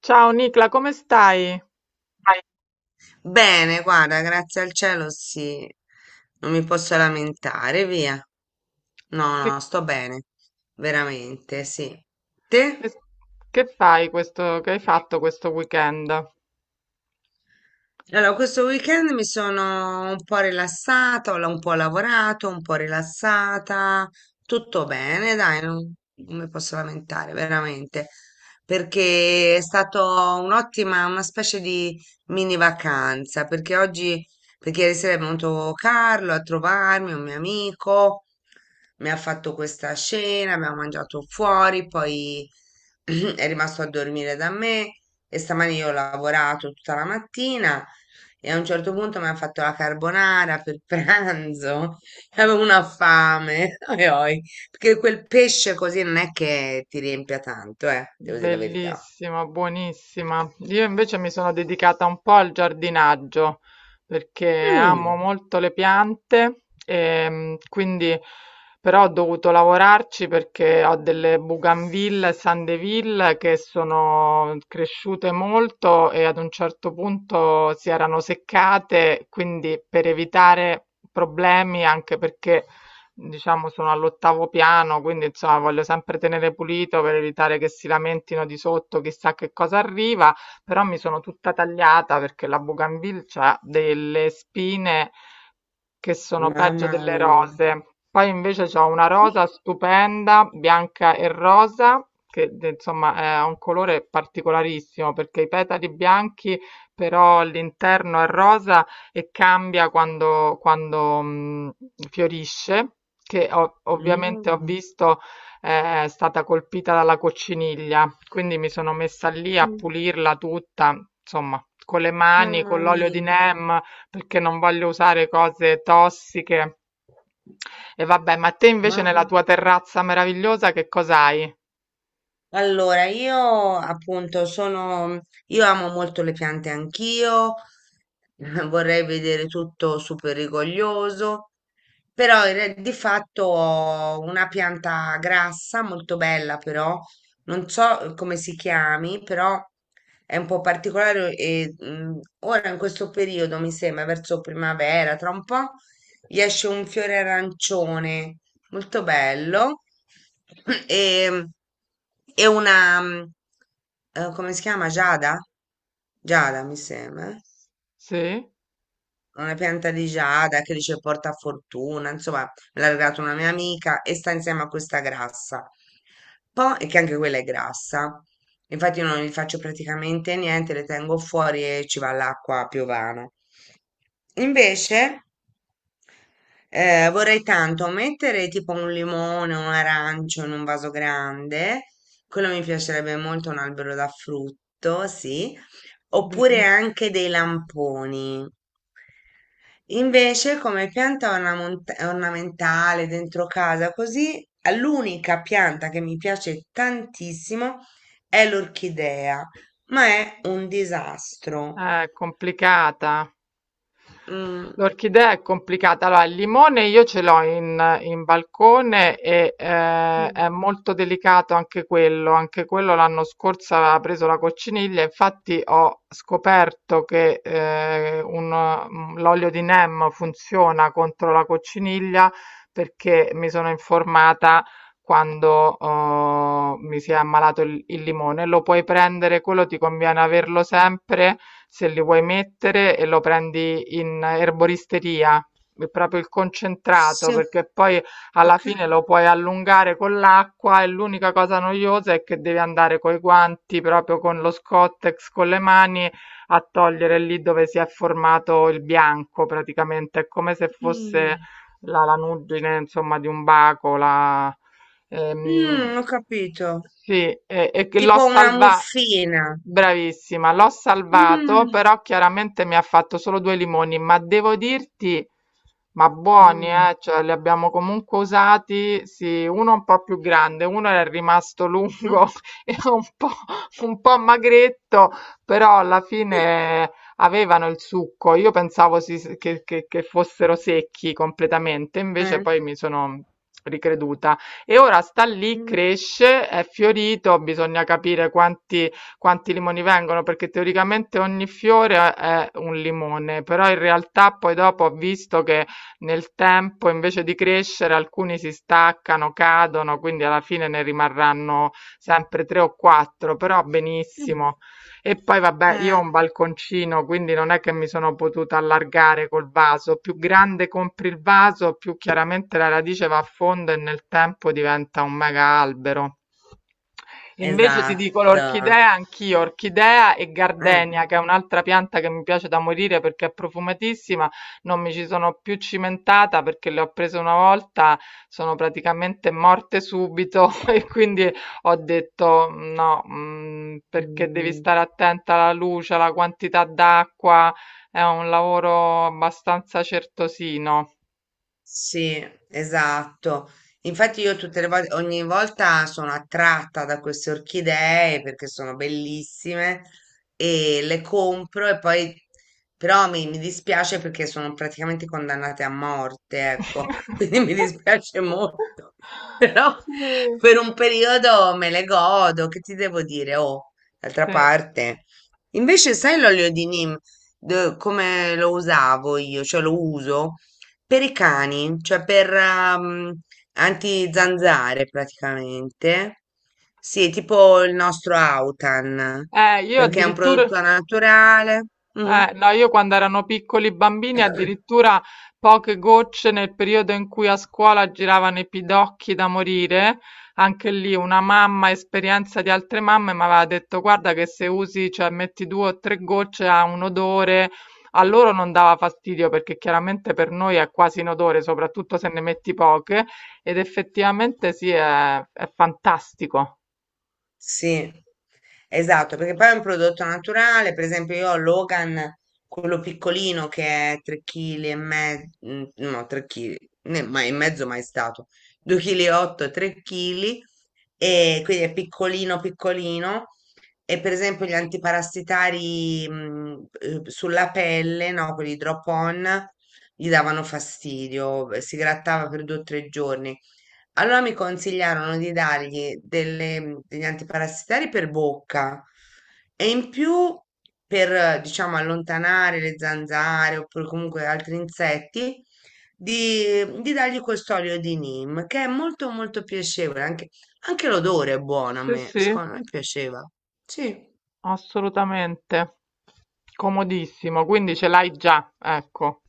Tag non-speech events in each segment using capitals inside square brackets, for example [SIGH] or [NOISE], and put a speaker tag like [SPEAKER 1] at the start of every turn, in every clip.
[SPEAKER 1] Ciao Nicla, come stai?
[SPEAKER 2] Dai. Bene, guarda, grazie al cielo, sì, non mi posso lamentare, via. No,
[SPEAKER 1] Che,
[SPEAKER 2] no, sto bene, veramente, sì. Te?
[SPEAKER 1] che- che fai che hai fatto questo weekend?
[SPEAKER 2] Allora, questo weekend mi sono un po' rilassata, un po' lavorato, un po' rilassata, tutto bene, dai, non mi posso lamentare, veramente, perché è stato un'ottima, una specie di mini vacanza, perché ieri sera è venuto Carlo a trovarmi, un mio amico, mi ha fatto questa cena, abbiamo mangiato fuori, poi [CLEARS THROAT] è rimasto a dormire da me. E stamani io ho lavorato tutta la mattina e a un certo punto mi hanno fatto la carbonara per pranzo. [LAUGHS] Avevo una fame, [LAUGHS] oi, oi, perché quel pesce così non è che ti riempia tanto, devo dire la verità.
[SPEAKER 1] Bellissima, buonissima. Io invece mi sono dedicata un po' al giardinaggio perché amo
[SPEAKER 2] Mm,
[SPEAKER 1] molto le piante quindi però ho dovuto lavorarci perché ho delle bougainville e sandeville che sono cresciute molto e ad un certo punto si erano seccate, quindi per evitare problemi anche perché diciamo sono all'8° piano, quindi insomma voglio sempre tenere pulito per evitare che si lamentino di sotto chissà che cosa arriva, però mi sono tutta tagliata perché la Bougainville ha delle spine che sono peggio
[SPEAKER 2] mamma
[SPEAKER 1] delle
[SPEAKER 2] mia.
[SPEAKER 1] rose. Poi invece c'ho una rosa stupenda, bianca e rosa, che de- insomma è un colore particolarissimo perché i petali bianchi, però l'interno è rosa e cambia quando fiorisce, che ho- ovviamente ho
[SPEAKER 2] Mm,
[SPEAKER 1] visto è stata colpita dalla cocciniglia, quindi mi sono messa lì a
[SPEAKER 2] mm,
[SPEAKER 1] pulirla tutta, insomma, con le mani, con
[SPEAKER 2] mamma
[SPEAKER 1] l'olio di
[SPEAKER 2] mia,
[SPEAKER 1] neem, perché non voglio usare cose tossiche. E vabbè, ma te invece nella
[SPEAKER 2] mamma
[SPEAKER 1] tua terrazza meravigliosa che cosa hai?
[SPEAKER 2] Allora, io amo molto le piante anch'io, [LAUGHS] vorrei vedere tutto super rigoglioso, però di fatto ho una pianta grassa, molto bella però, non so come si chiami, però è un po' particolare e ora in questo periodo mi sembra verso primavera, tra un po' gli esce un fiore arancione molto bello. [CLEARS THROAT] E, e una, come si chiama? Giada? Giada, mi sembra
[SPEAKER 1] Sì?
[SPEAKER 2] una pianta di giada che dice porta fortuna, insomma, me l'ha regalato una mia amica e sta insieme a questa grassa. Poi, e che anche quella è grassa, infatti io non gli faccio praticamente niente, le tengo fuori e ci va l'acqua a piovana. Invece, vorrei tanto mettere tipo un limone, un arancio in un vaso grande, quello mi piacerebbe molto, un albero da frutto, sì, oppure
[SPEAKER 1] Bell-
[SPEAKER 2] anche dei lamponi. Invece, come pianta ornamentale dentro casa, così l'unica pianta che mi piace tantissimo è l'orchidea, ma è un disastro.
[SPEAKER 1] Complicata.
[SPEAKER 2] Mm,
[SPEAKER 1] L'orchidea è complicata. Allora, il limone io ce l'ho in balcone e è
[SPEAKER 2] mm.
[SPEAKER 1] molto delicato anche quello. Anche quello l'anno scorso aveva preso la cocciniglia. Infatti ho scoperto che un- l'olio di neem funziona contro la cocciniglia perché mi sono informata quando mi si è ammalato il limone. Lo puoi prendere, quello ti conviene averlo sempre se li vuoi mettere e lo prendi in erboristeria, è proprio il concentrato,
[SPEAKER 2] Sì,
[SPEAKER 1] perché poi alla
[SPEAKER 2] ok.
[SPEAKER 1] fine lo puoi allungare con l'acqua e l'unica cosa noiosa è che devi andare coi guanti, proprio con lo Scottex, con le mani, a togliere lì dove si è formato il bianco, praticamente, è come se fosse
[SPEAKER 2] Mm.
[SPEAKER 1] la lanugine, insomma, di un baco, la...
[SPEAKER 2] Mm,
[SPEAKER 1] Ehm,
[SPEAKER 2] ho capito.
[SPEAKER 1] sì, e che l'ho
[SPEAKER 2] Tipo una
[SPEAKER 1] salvato,
[SPEAKER 2] muffina.
[SPEAKER 1] bravissima, l'ho salvato,
[SPEAKER 2] Mm.
[SPEAKER 1] però chiaramente mi ha fatto solo due limoni, ma devo dirti, ma buoni,
[SPEAKER 2] Mm.
[SPEAKER 1] cioè li abbiamo comunque usati, sì, uno un po' più grande, uno era rimasto lungo
[SPEAKER 2] [LAUGHS]
[SPEAKER 1] [LAUGHS] e un po' magretto, però alla fine avevano il succo, io pensavo si- che fossero secchi completamente, invece
[SPEAKER 2] Eh.
[SPEAKER 1] poi mi sono ricreduta. E ora sta lì,
[SPEAKER 2] Mm.
[SPEAKER 1] cresce, è fiorito, bisogna capire quanti, quanti limoni vengono, perché teoricamente ogni fiore è un limone, però in realtà poi dopo ho visto che nel tempo invece di crescere alcuni si staccano, cadono, quindi alla fine ne rimarranno sempre tre o quattro, però
[SPEAKER 2] Mm.
[SPEAKER 1] benissimo. E poi vabbè, io ho
[SPEAKER 2] Eh,
[SPEAKER 1] un balconcino, quindi non è che mi sono potuta allargare col vaso. Più grande compri il vaso, più chiaramente la radice va a fondo e nel tempo diventa un mega albero. Invece ti dico
[SPEAKER 2] esatto.
[SPEAKER 1] l'orchidea, anch'io, orchidea e
[SPEAKER 2] Eh,
[SPEAKER 1] gardenia, che è un'altra pianta che mi piace da morire perché è profumatissima, non mi ci sono più cimentata perché le ho prese una volta, sono praticamente morte subito [LAUGHS] e quindi ho detto no, perché devi
[SPEAKER 2] mhmm.
[SPEAKER 1] stare attenta alla luce, alla quantità d'acqua, è un lavoro abbastanza certosino.
[SPEAKER 2] Sì, esatto. Infatti io tutte le volte, ogni volta sono attratta da queste orchidee perché sono bellissime e le compro e poi però mi dispiace perché sono praticamente condannate a morte, ecco, [LAUGHS] quindi mi dispiace molto.
[SPEAKER 1] [LAUGHS]
[SPEAKER 2] [LAUGHS]
[SPEAKER 1] Sì,
[SPEAKER 2] Però per un periodo me le godo, che ti devo dire? Oh, d'altra
[SPEAKER 1] sì.
[SPEAKER 2] parte. Invece sai l'olio di Nim, come lo usavo io, cioè lo uso? Per i cani, cioè per anti-zanzare praticamente. Sì, tipo il nostro Autan,
[SPEAKER 1] Io
[SPEAKER 2] perché è un
[SPEAKER 1] addirittura,
[SPEAKER 2] prodotto naturale. Mhm.
[SPEAKER 1] no, io quando erano piccoli bambini, addirittura poche gocce nel periodo in cui a scuola giravano i pidocchi da morire, anche lì una mamma, esperienza di altre mamme, mi aveva detto: guarda, che se usi, cioè metti due o tre gocce ha un odore. A loro non dava fastidio perché chiaramente per noi è quasi un odore, soprattutto se ne metti poche, ed effettivamente sì, è fantastico.
[SPEAKER 2] Sì, esatto, perché poi è un prodotto naturale, per esempio io ho Logan, quello piccolino che è 3 kg e mezzo, no, 3 kg, ma e mezzo mai stato, 2,8 kg, 3 kg, e quindi è piccolino piccolino, e per esempio gli antiparassitari sulla pelle, no, quelli drop on, gli davano fastidio, si grattava per 2 o 3 giorni. Allora mi consigliarono di dargli degli antiparassitari per bocca e in più per, diciamo, allontanare le zanzare oppure comunque altri insetti, di dargli questo olio di neem, che è molto molto piacevole. Anche, l'odore è buono a
[SPEAKER 1] Sì,
[SPEAKER 2] me,
[SPEAKER 1] sì.
[SPEAKER 2] secondo me piaceva. Sì.
[SPEAKER 1] Assolutamente, comodissimo, quindi ce l'hai già, ecco.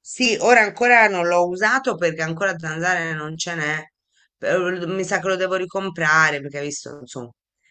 [SPEAKER 2] Sì, ora ancora non l'ho usato perché ancora zanzare non ce n'è, però mi sa che lo devo ricomprare perché hai visto, insomma,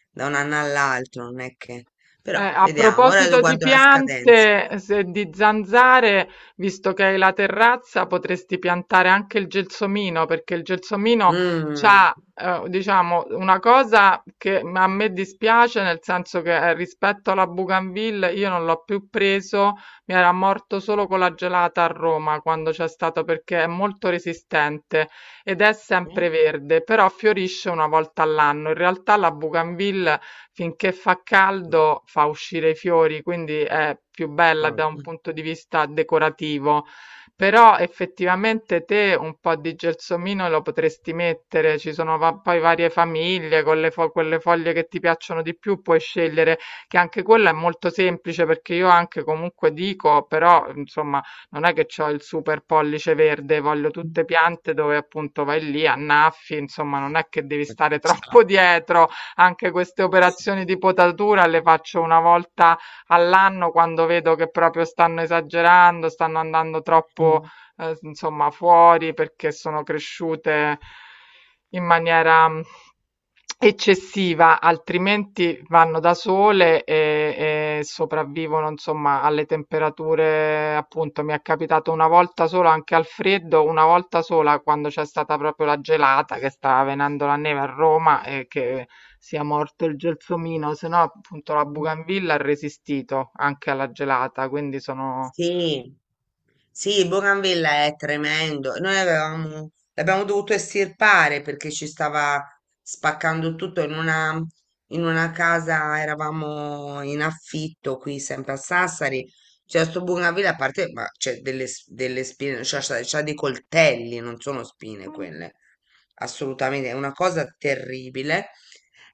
[SPEAKER 2] da un anno all'altro non è che. Però
[SPEAKER 1] A
[SPEAKER 2] vediamo, ora lo
[SPEAKER 1] proposito di
[SPEAKER 2] guardo la scadenza.
[SPEAKER 1] piante, se- di zanzare, visto che hai la terrazza, potresti piantare anche il gelsomino, perché il gelsomino
[SPEAKER 2] Mm.
[SPEAKER 1] c'ha, diciamo, una cosa che a me dispiace, nel senso che rispetto alla Bougainville io non l'ho più preso, mi era morto solo con la gelata a Roma quando c'è stato, perché è molto resistente ed è sempre
[SPEAKER 2] [LAUGHS]
[SPEAKER 1] verde, però fiorisce una volta all'anno. In realtà la Bougainville finché fa caldo fa uscire i fiori, quindi è più bella da un punto di vista decorativo. Però effettivamente te un po' di gelsomino lo potresti mettere, ci sono va- poi varie famiglie con le fo- quelle foglie che ti piacciono di più, puoi scegliere che anche quella è molto semplice perché io anche comunque dico, però insomma non è che ho il super pollice verde, voglio tutte piante dove appunto vai lì, annaffi, insomma non è che devi stare [LAUGHS]
[SPEAKER 2] Ciao.
[SPEAKER 1] troppo dietro anche queste operazioni di potatura le faccio una volta all'anno quando vedo che proprio stanno esagerando, stanno andando troppo, insomma, fuori perché sono cresciute in maniera eccessiva, altrimenti vanno da sole e sopravvivono, insomma, alle temperature, appunto, mi è capitato una volta sola anche al freddo, una volta sola quando c'è stata proprio la gelata che stava venendo la neve a Roma e che sia morto il gelsomino, se no appunto la Bougainville ha resistito anche alla gelata, quindi sono.
[SPEAKER 2] Sì, sì, Bougainville è tremendo. Noi avevamo, l'abbiamo dovuto estirpare perché ci stava spaccando tutto in una, casa, eravamo in affitto qui sempre a Sassari. C'è sto Bougainville, a parte, ma c'è delle, delle spine, c'ha dei coltelli, non sono spine
[SPEAKER 1] Mm,
[SPEAKER 2] quelle assolutamente, è una cosa terribile.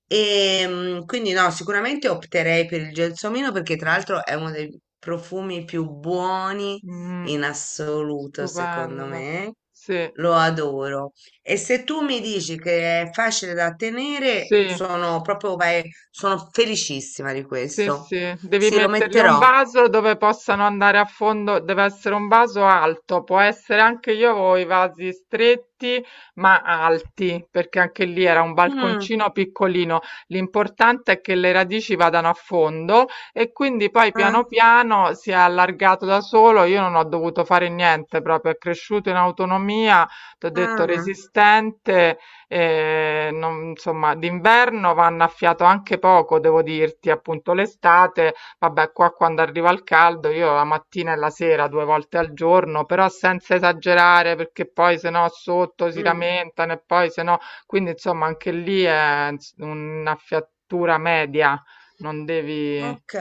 [SPEAKER 2] E quindi no, sicuramente opterei per il gelsomino perché tra l'altro è uno dei profumi più buoni
[SPEAKER 1] mm,
[SPEAKER 2] in assoluto, secondo
[SPEAKER 1] stupendo.
[SPEAKER 2] me.
[SPEAKER 1] Sì,
[SPEAKER 2] Lo adoro. E se tu mi dici che è facile da tenere,
[SPEAKER 1] sì.
[SPEAKER 2] sono proprio, sono felicissima di
[SPEAKER 1] Sì,
[SPEAKER 2] questo.
[SPEAKER 1] sì, devi
[SPEAKER 2] Sì, lo
[SPEAKER 1] mettergli un
[SPEAKER 2] metterò.
[SPEAKER 1] vaso dove possano andare a fondo, deve essere un vaso alto, può essere anche io avevo i vasi stretti ma alti, perché anche lì era un
[SPEAKER 2] Mm,
[SPEAKER 1] balconcino piccolino. L'importante è che le radici vadano a fondo e quindi poi
[SPEAKER 2] eh,
[SPEAKER 1] piano piano si è allargato da solo, io non ho dovuto fare niente, proprio è cresciuto in autonomia, ti ho detto
[SPEAKER 2] mm,
[SPEAKER 1] resistente e non insomma, d'inverno vanno a fiato anche poco, devo dirti, appunto l'estate, vabbè, qua quando arriva il caldo, io la mattina e la sera due volte al giorno, però senza esagerare, perché poi se no sotto si
[SPEAKER 2] mm.
[SPEAKER 1] lamentano e poi se no, quindi insomma, anche lì è ins- una fiatura media, non devi,
[SPEAKER 2] Ok.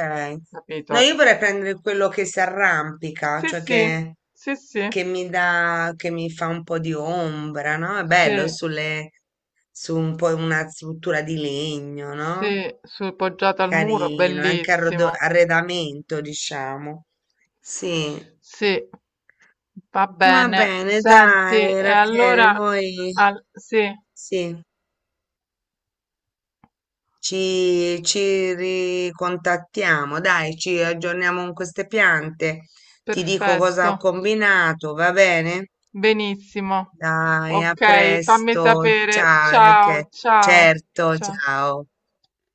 [SPEAKER 2] No,
[SPEAKER 1] capito?
[SPEAKER 2] io vorrei prendere quello che si arrampica,
[SPEAKER 1] Sì,
[SPEAKER 2] cioè
[SPEAKER 1] sì,
[SPEAKER 2] che,
[SPEAKER 1] sì, sì,
[SPEAKER 2] che mi dà, che mi fa un po' di ombra, no? È bello
[SPEAKER 1] sì,
[SPEAKER 2] su un po' una struttura di legno, no?
[SPEAKER 1] sì, sul poggiato al muro,
[SPEAKER 2] Carino, anche
[SPEAKER 1] bellissimo.
[SPEAKER 2] arredamento, diciamo. Sì.
[SPEAKER 1] Sì, va
[SPEAKER 2] Va
[SPEAKER 1] bene.
[SPEAKER 2] bene,
[SPEAKER 1] Senti,
[SPEAKER 2] dai,
[SPEAKER 1] e
[SPEAKER 2] Rachele,
[SPEAKER 1] allora
[SPEAKER 2] noi
[SPEAKER 1] al- sì,
[SPEAKER 2] sì. Ci ricontattiamo, dai, ci aggiorniamo con queste piante. Ti dico cosa
[SPEAKER 1] perfetto,
[SPEAKER 2] ho combinato, va bene?
[SPEAKER 1] benissimo.
[SPEAKER 2] Dai, a
[SPEAKER 1] Ok, fammi
[SPEAKER 2] presto.
[SPEAKER 1] sapere.
[SPEAKER 2] Ciao,
[SPEAKER 1] Ciao,
[SPEAKER 2] Rachele.
[SPEAKER 1] ciao,
[SPEAKER 2] Certo,
[SPEAKER 1] ciao.
[SPEAKER 2] ciao.